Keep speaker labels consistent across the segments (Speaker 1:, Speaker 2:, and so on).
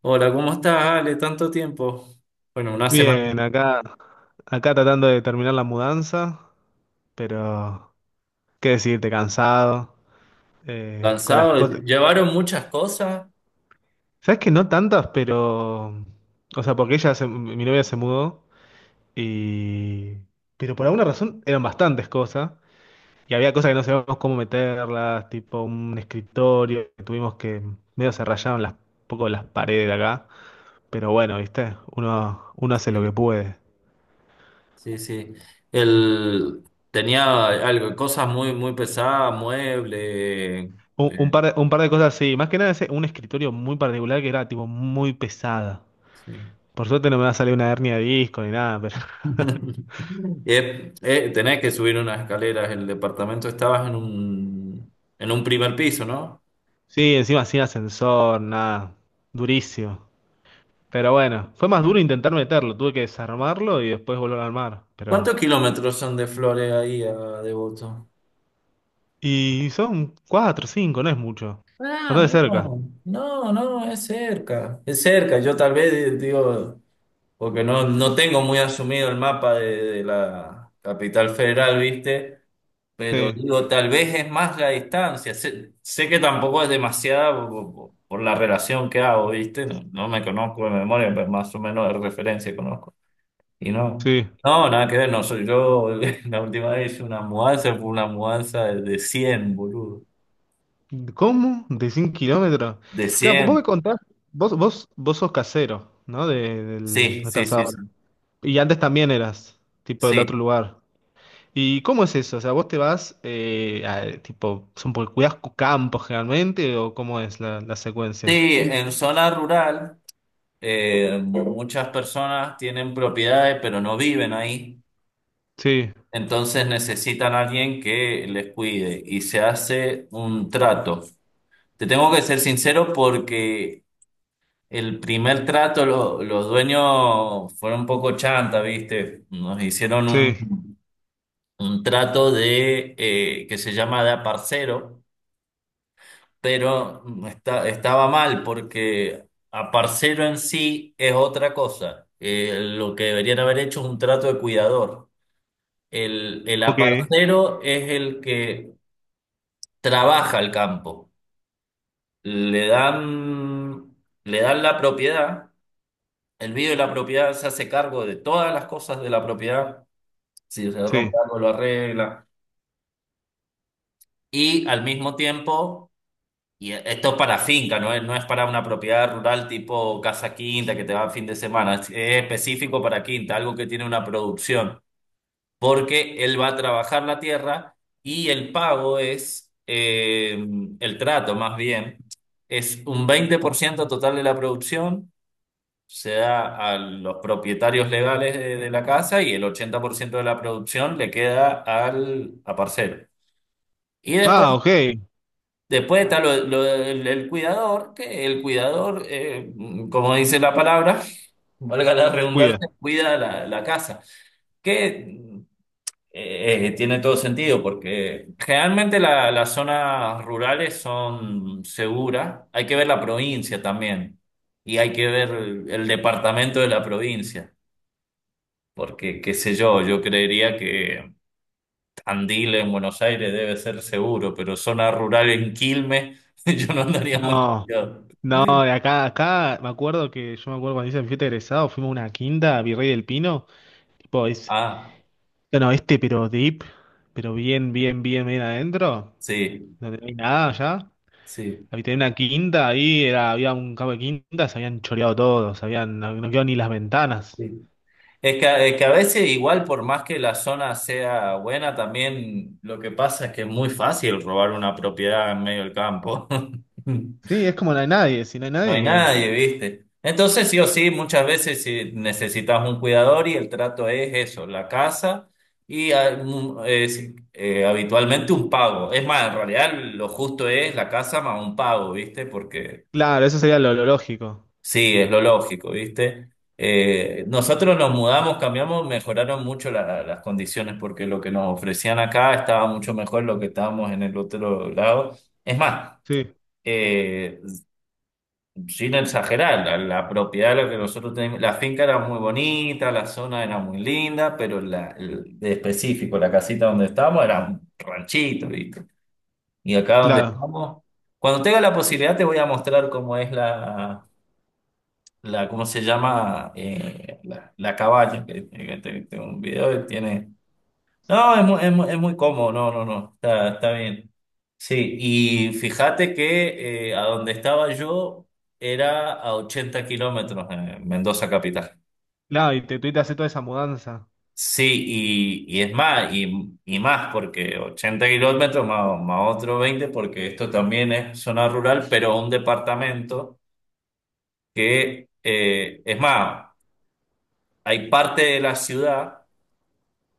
Speaker 1: Hola, ¿cómo estás, Ale? Tanto tiempo. Bueno, una semana
Speaker 2: Bien, acá tratando de terminar la mudanza, pero qué decirte, cansado, con las cosas.
Speaker 1: cansado. Llevaron muchas cosas.
Speaker 2: Sabes que no tantas, pero. O sea, porque mi novia se mudó y. Pero por alguna razón eran bastantes cosas. Y había cosas que no sabíamos cómo meterlas, tipo un escritorio, que tuvimos que. Medio se rayaron un poco las
Speaker 1: Ujú.
Speaker 2: paredes de acá. Pero bueno, viste, uno hace lo que
Speaker 1: Sí,
Speaker 2: puede.
Speaker 1: sí. El, tenía algo, cosas muy, muy pesadas, muebles.
Speaker 2: Un,
Speaker 1: eh,
Speaker 2: un par de cosas, sí. Más que nada, un escritorio muy particular que era tipo muy pesada.
Speaker 1: sí.
Speaker 2: Por suerte no me va a salir una hernia de disco ni nada, pero.
Speaker 1: Tenés que subir unas escaleras. El departamento estabas en en un primer piso, ¿no?
Speaker 2: Sí, encima sin ascensor, nada. Durísimo. Pero bueno, fue más duro intentar meterlo. Tuve que desarmarlo y después volver a armar. Pero.
Speaker 1: ¿Cuántos kilómetros son de Flores ahí a Devoto?
Speaker 2: Y son cuatro, cinco, no es mucho.
Speaker 1: Ah,
Speaker 2: Bastante cerca.
Speaker 1: no, es cerca, es cerca. Yo tal vez digo, porque no tengo muy asumido el mapa de la capital federal, ¿viste? Pero
Speaker 2: Sí,
Speaker 1: digo, tal vez es más la distancia. Sé que tampoco es demasiada por la relación que hago, ¿viste? No me conozco de memoria, pero más o menos de referencia conozco. Y
Speaker 2: sí.
Speaker 1: no, nada que ver, no soy yo. La última vez hice una mudanza, fue una mudanza de 100, boludo.
Speaker 2: ¿Cómo? ¿De 100 kilómetros?
Speaker 1: De
Speaker 2: Claro, vos me
Speaker 1: cien.
Speaker 2: contás, vos sos casero, ¿no? Del,
Speaker 1: Sí,
Speaker 2: no
Speaker 1: sí,
Speaker 2: estás
Speaker 1: sí,
Speaker 2: ahora.
Speaker 1: sí.
Speaker 2: Y antes también eras, tipo del otro
Speaker 1: Sí,
Speaker 2: lugar. ¿Y cómo es eso? O sea, vos te vas, tipo, son por cuidas campos generalmente, ¿o cómo es la secuencia?
Speaker 1: sí, en zona rural. Muchas personas tienen propiedades, pero no viven ahí.
Speaker 2: Sí,
Speaker 1: Entonces necesitan a alguien que les cuide y se hace un trato. Te tengo que ser sincero porque el primer trato los dueños fueron un poco chanta, ¿viste? Nos hicieron
Speaker 2: sí,
Speaker 1: un trato de que se llama de aparcero, pero estaba mal porque a en sí es otra cosa. Lo que deberían haber hecho es un trato de cuidador. El
Speaker 2: ok,
Speaker 1: aparcero es el que trabaja el campo. Le dan, le dan la propiedad, el vive la propiedad, se hace cargo de todas las cosas de la propiedad. Si se
Speaker 2: sí.
Speaker 1: rompe algo, lo arregla. Y al mismo tiempo, y esto es para finca, no es para una propiedad rural tipo casa quinta que te va a fin de semana. Es específico para quinta, algo que tiene una producción, porque él va a trabajar la tierra y el pago es, el trato más bien, es un 20% total de la producción, se da a los propietarios legales de la casa y el 80% de la producción le queda al a parcero. Y
Speaker 2: Ah,
Speaker 1: después,
Speaker 2: ok,
Speaker 1: después está el cuidador, que el cuidador, como dice la palabra, valga la
Speaker 2: cuida.
Speaker 1: redundancia, cuida la casa, que tiene todo sentido, porque generalmente las zonas rurales son seguras, hay que ver la provincia también, y hay que ver el departamento de la provincia, porque qué sé yo, yo creería que Andil en Buenos Aires debe ser seguro, pero zona rural en Quilmes, yo no andaría muy
Speaker 2: No,
Speaker 1: confiado.
Speaker 2: no, de acá me acuerdo que yo me acuerdo cuando hice mi fiesta de egresado, fuimos a una quinta, a Virrey del Pino, tipo, es,
Speaker 1: Ah,
Speaker 2: no, no, este pero deep, pero bien, bien, bien, bien adentro,
Speaker 1: sí,
Speaker 2: donde no hay nada ya.
Speaker 1: sí,
Speaker 2: había Tenía una quinta, ahí era, había un campo de quintas, se habían choreado todos, no, no quedó ni las ventanas.
Speaker 1: sí. Es que a veces, igual, por más que la zona sea buena, también lo que pasa es que es muy fácil robar una propiedad en medio del campo.
Speaker 2: Sí, es como no hay nadie, si no hay
Speaker 1: No
Speaker 2: nadie,
Speaker 1: hay
Speaker 2: que-.
Speaker 1: nadie, ¿viste? Entonces, sí o sí, muchas veces si necesitas un cuidador y el trato es eso, la casa y habitualmente un pago. Es más, en realidad lo justo es la casa más un pago, ¿viste? Porque
Speaker 2: Claro, eso sería lo lógico.
Speaker 1: sí, es lo lógico, ¿viste? Nosotros nos mudamos, cambiamos, mejoraron mucho las condiciones porque lo que nos ofrecían acá estaba mucho mejor lo que estábamos en el otro lado. Es más,
Speaker 2: Sí,
Speaker 1: eh, sin exagerar, la propiedad de la que nosotros teníamos, la finca era muy bonita, la zona era muy linda, pero de específico, la casita donde estábamos era un ranchito, ¿viste? Y acá donde
Speaker 2: claro.
Speaker 1: estamos, cuando tenga la posibilidad te voy a mostrar cómo es la ¿cómo se llama? La cabaña, tengo un video que tiene, no, es muy cómodo, no, está bien. Sí, y fíjate que a donde estaba yo era a 80 kilómetros, en Mendoza capital.
Speaker 2: Claro, y te tuviste que hacer toda esa mudanza.
Speaker 1: Sí, y más, porque 80 kilómetros más, más otro 20 porque esto también es zona rural, pero un departamento que, es más, hay parte de la ciudad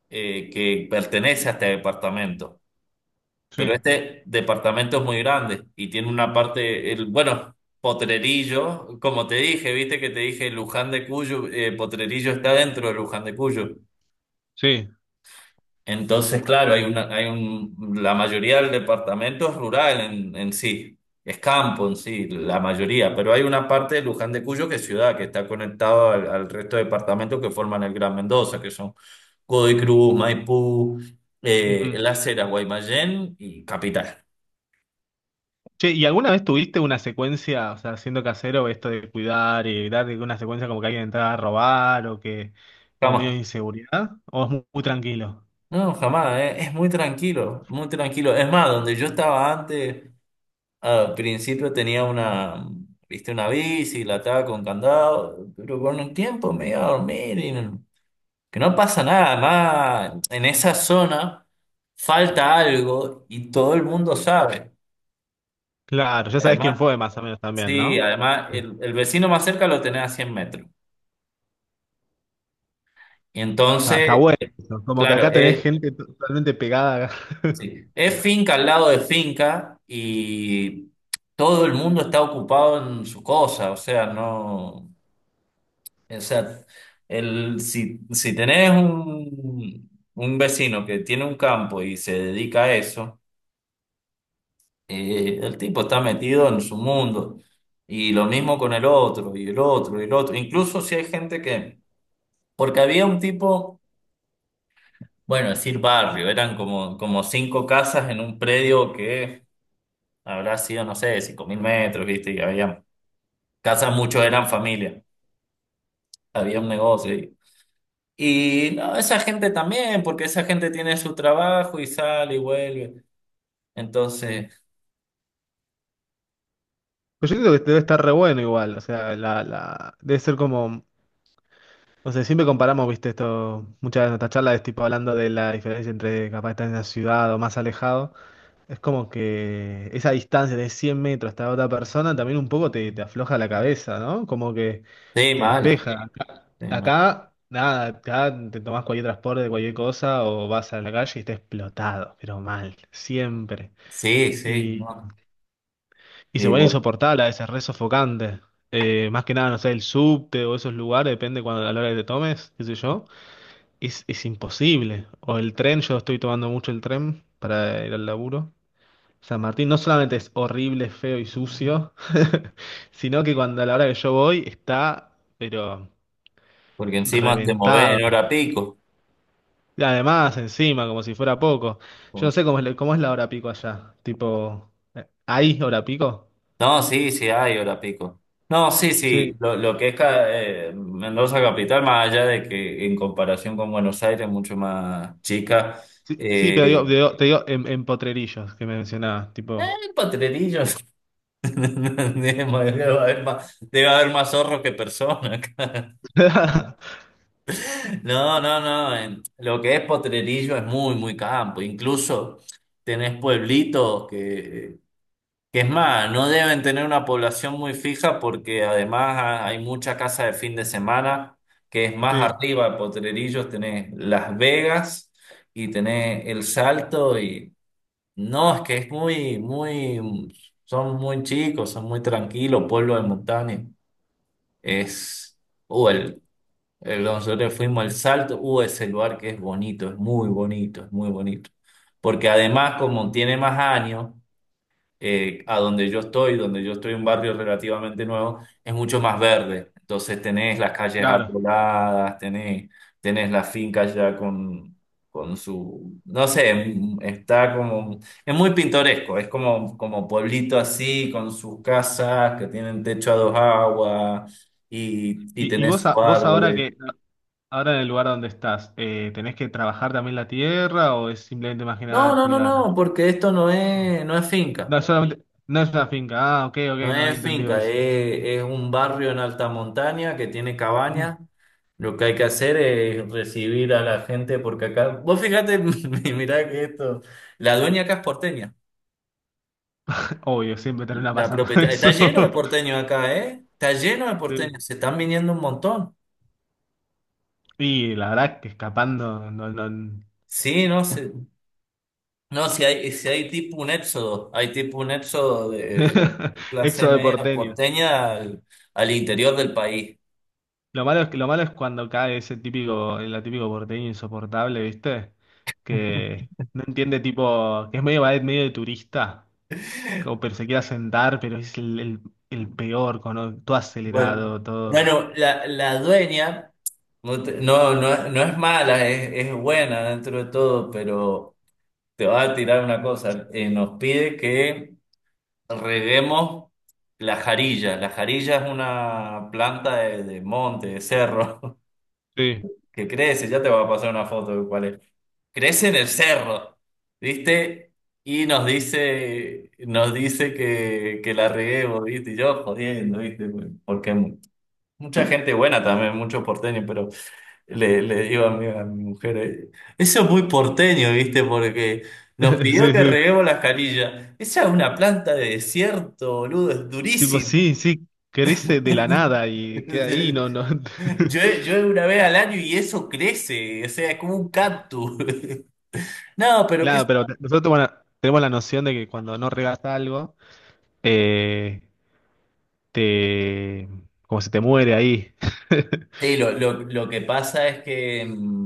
Speaker 1: que pertenece a este departamento. Pero
Speaker 2: Sí,
Speaker 1: este departamento es muy grande y tiene una parte, bueno, Potrerillo, como te dije, viste que te dije Luján de Cuyo, Potrerillo está dentro de Luján de Cuyo.
Speaker 2: sí.
Speaker 1: Entonces, claro, hay una, hay un, la mayoría del departamento es rural en sí, es campo en sí, la mayoría, pero hay una parte de Luján de Cuyo que es ciudad, que está conectado al resto de departamentos que forman el Gran Mendoza, que son Godoy Cruz, Maipú,
Speaker 2: Ujú.
Speaker 1: Las Heras, Guaymallén y Capital.
Speaker 2: Che, ¿y alguna vez tuviste una secuencia? O sea, siendo casero, esto de cuidar y evitar de que una secuencia como que alguien entrara a robar o que, o medio de
Speaker 1: Estamos
Speaker 2: inseguridad. ¿O es muy, muy tranquilo?
Speaker 1: no, jamás, es muy tranquilo, muy tranquilo. Es más, donde yo estaba antes, al principio tenía viste, una bici, la estaba con candado, pero con el tiempo me iba a dormir y no, que no pasa nada. Además, en esa zona falta algo y todo el mundo sabe.
Speaker 2: Claro, ya sabes quién
Speaker 1: Además,
Speaker 2: fue más o menos también,
Speaker 1: sí,
Speaker 2: ¿no?
Speaker 1: además, el vecino más cerca lo tenés a 100 metros. Y
Speaker 2: Está,
Speaker 1: entonces,
Speaker 2: está bueno eso. Como que
Speaker 1: claro,
Speaker 2: acá tenés gente totalmente pegada.
Speaker 1: sí, es finca al lado de finca y todo el mundo está ocupado en su cosa, o sea, no, o sea, si, si tenés un vecino que tiene un campo y se dedica a eso, el tipo está metido en su mundo y lo mismo con el otro y el otro y el otro, incluso si hay gente que, porque había un tipo, bueno, decir barrio, eran como, como cinco casas en un predio que habrá sido, no sé, cinco mil metros, ¿viste? Y había casas, muchos eran familia, había un negocio. No, esa gente también, porque esa gente tiene su trabajo y sale y vuelve. Entonces,
Speaker 2: Pues yo creo que debe estar re bueno igual. O sea, debe ser como. No sé, siempre comparamos, viste, esto. Muchas de nuestras charlas es tipo hablando de la diferencia entre capaz estar en la ciudad o más alejado. Es como que esa distancia de 100 metros hasta otra persona también un poco te afloja la cabeza, ¿no? Como que
Speaker 1: sí,
Speaker 2: te
Speaker 1: mal,
Speaker 2: despeja.
Speaker 1: sí, mal.
Speaker 2: Acá, nada, acá te tomás cualquier transporte, cualquier cosa o vas a la calle y estás explotado, pero mal, siempre.
Speaker 1: Sí, sí,
Speaker 2: Y
Speaker 1: no,
Speaker 2: y se
Speaker 1: sí,
Speaker 2: vuelve
Speaker 1: bueno,
Speaker 2: insoportable, a veces re sofocante. Más que nada, no sé, el subte o esos lugares, depende cuando, a la hora que te tomes, qué sé yo. Es imposible. O el tren, yo estoy tomando mucho el tren para ir al laburo. San Martín no solamente es horrible, feo y sucio, sino que cuando, a la hora que yo voy está, pero
Speaker 1: porque encima te mueves
Speaker 2: reventado.
Speaker 1: en hora pico.
Speaker 2: Y además, encima, como si fuera poco. Yo no sé cómo es, cómo es la hora pico allá. Tipo, ¿hay hora pico?
Speaker 1: No, sí, sí, hay hora pico. No, sí, sí,
Speaker 2: Sí.
Speaker 1: lo que es Mendoza capital, más allá de que en comparación con Buenos Aires, mucho más chica,
Speaker 2: Sí, sí, pero
Speaker 1: eh,
Speaker 2: te digo en, Potrerillos que me mencionabas, tipo.
Speaker 1: hay potrerillos. Debe haber más zorros que personas. No, no, no. Lo que es Potrerillo es muy, muy campo. Incluso tenés pueblitos que es más, no deben tener una población muy fija porque además hay mucha casa de fin de semana que es más
Speaker 2: Sí,
Speaker 1: arriba de Potrerillos. Tenés Las Vegas y tenés El Salto y no, es que es muy, muy, son muy chicos, son muy tranquilos, pueblos de montaña. Es, uh, el, Nosotros fuimos al Salto, ese lugar que es bonito, es muy bonito. Porque además, como tiene más años, a donde yo estoy un barrio relativamente nuevo, es mucho más verde. Entonces tenés las calles
Speaker 2: claro.
Speaker 1: arboladas, tenés, tenés la finca ya con su, no sé, es muy pintoresco, es como, como pueblito así, con sus casas que tienen techo a dos aguas y
Speaker 2: ¿Y
Speaker 1: tenés
Speaker 2: vos,
Speaker 1: sus
Speaker 2: vos ahora
Speaker 1: árboles.
Speaker 2: que ahora en el lugar donde estás, ¿tenés que trabajar también la tierra o es simplemente más que
Speaker 1: No,
Speaker 2: nada
Speaker 1: no, no,
Speaker 2: cuidar?
Speaker 1: no, porque esto no
Speaker 2: No,
Speaker 1: es, no es finca.
Speaker 2: no, es solamente, no es una finca. Ah, ok,
Speaker 1: No
Speaker 2: ok, no he
Speaker 1: es
Speaker 2: entendido
Speaker 1: finca,
Speaker 2: eso.
Speaker 1: es un barrio en alta montaña que tiene
Speaker 2: Mm.
Speaker 1: cabañas. Lo que hay que hacer es recibir a la gente porque acá, vos fíjate, mirá que esto, la dueña acá es porteña,
Speaker 2: Obvio, siempre termina
Speaker 1: la
Speaker 2: pasando
Speaker 1: propietaria,
Speaker 2: eso.
Speaker 1: está lleno de porteños acá, ¿eh? Está lleno de porteños,
Speaker 2: Sí.
Speaker 1: se están viniendo un montón.
Speaker 2: Y la verdad que escapando, no, no.
Speaker 1: Sí, no sé, no, si hay tipo un éxodo, hay tipo un éxodo de clase
Speaker 2: Éxodo de
Speaker 1: media
Speaker 2: porteño.
Speaker 1: porteña al interior del país.
Speaker 2: Lo malo es que, lo malo es cuando cae ese típico, el típico porteño insoportable, ¿viste? Que no entiende tipo, que es medio medio de turista, como pero se quiere sentar, pero es el peor, con todo
Speaker 1: Bueno,
Speaker 2: acelerado, todo.
Speaker 1: la dueña no, no es no es mala, es buena dentro de todo, pero te va a tirar una cosa. Nos pide que reguemos la jarilla. La jarilla es una planta de monte, de cerro,
Speaker 2: Sí.
Speaker 1: que crece. Ya te voy a pasar una foto de cuál es. Crece en el cerro, ¿viste? Nos dice que la reguemos, ¿viste? Y yo jodiendo, ¿viste? Porque mucha gente buena también, muchos porteños, pero... Le digo a mi mujer, eso es muy porteño, ¿viste? Porque nos pidió
Speaker 2: Sí,
Speaker 1: que
Speaker 2: sí.
Speaker 1: reguemos las canillas. Esa es una planta de desierto, boludo, es
Speaker 2: Tipo,
Speaker 1: durísima.
Speaker 2: sí, sí, crece de la nada y queda ahí, no, no.
Speaker 1: Yo una vez al año y eso crece, o sea, es como un cactus. No, pero qué...
Speaker 2: Claro, pero nosotros bueno, tenemos la noción de que cuando no regas algo, eh, te como se te muere ahí.
Speaker 1: Sí, lo que pasa es que... mm,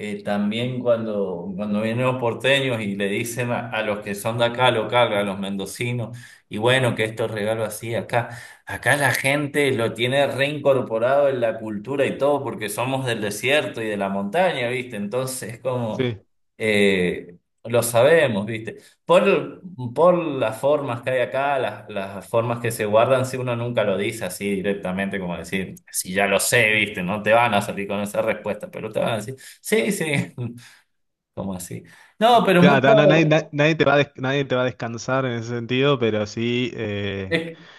Speaker 1: Eh, también cuando, cuando vienen los porteños y le dicen a los que son de acá, local, a los mendocinos, y bueno, que estos regalos así, acá, acá la gente lo tiene reincorporado en la cultura y todo, porque somos del desierto y de la montaña, ¿viste? Entonces es como,
Speaker 2: Sí.
Speaker 1: eh, lo sabemos, ¿viste? Por, por las formas que hay acá, las formas que se guardan, si uno nunca lo dice así directamente, como decir, si ya lo sé, ¿viste? No te van a salir con esa respuesta, pero te van a decir. Sí, sí, como así. No, pero
Speaker 2: Claro, no, nadie,
Speaker 1: mucho.
Speaker 2: na- nadie te va a nadie te va a descansar en ese sentido, pero sí
Speaker 1: es-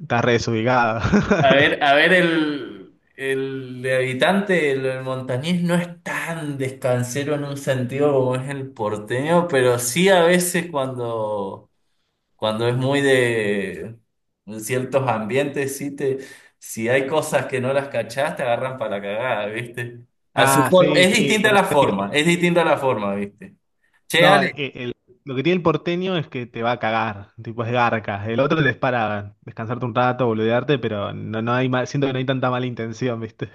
Speaker 2: estás re desubicado.
Speaker 1: a ver, a ver, el montañés no es tan descansero en un sentido como es el porteño, pero sí a veces cuando, cuando es muy de ciertos ambientes, sí te, si hay cosas que no las cachás, te agarran para la cagada, ¿viste?
Speaker 2: Ah, sí,
Speaker 1: Es
Speaker 2: sí,
Speaker 1: distinta
Speaker 2: pero
Speaker 1: la forma, es distinta la forma, ¿viste? Che,
Speaker 2: no,
Speaker 1: Ale,
Speaker 2: lo que tiene el porteño es que te va a cagar, tipo es garca. El otro es para descansarte un rato, boludearte, pero no, no hay siento que no hay tanta mala intención, ¿viste?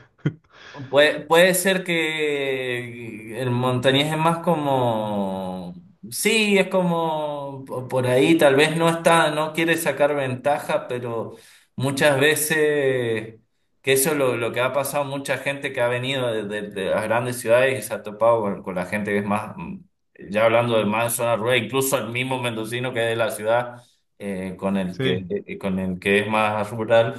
Speaker 1: puede, puede ser que el montañés es más como, sí, es como por ahí, tal vez no está, no quiere sacar ventaja, pero muchas veces, que eso es lo que ha pasado, mucha gente que ha venido de las grandes ciudades y se ha topado con la gente que es más, ya hablando de más zona rural, incluso el mismo mendocino que es de la ciudad,
Speaker 2: Sí,
Speaker 1: con el que es más rural.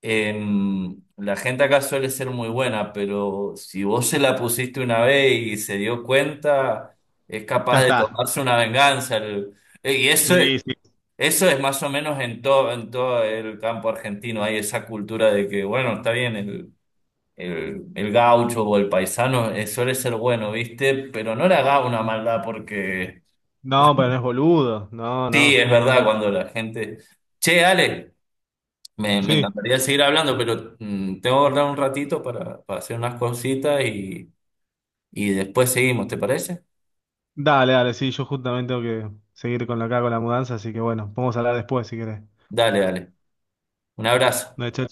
Speaker 1: La gente acá suele ser muy buena, pero si vos se la pusiste una vez y se dio cuenta, es
Speaker 2: ya
Speaker 1: capaz de
Speaker 2: está.
Speaker 1: tomarse una venganza. Y eso,
Speaker 2: Sí, sí.
Speaker 1: eso es más o menos en todo el campo argentino. Hay esa cultura de que, bueno, está bien, el gaucho o el paisano suele ser bueno, ¿viste? Pero no le haga una maldad porque,
Speaker 2: No, pero no es boludo. No,
Speaker 1: sí,
Speaker 2: no.
Speaker 1: es verdad, cuando la gente... Che, Ale. Me
Speaker 2: Sí.
Speaker 1: encantaría seguir hablando, pero tengo que guardar un ratito para hacer unas cositas y después seguimos, ¿te parece?
Speaker 2: Dale, dale, sí, yo justamente tengo que seguir con la acá con la mudanza, así que bueno, podemos hablar después si querés.
Speaker 1: Dale, dale. Un abrazo.
Speaker 2: No, chao,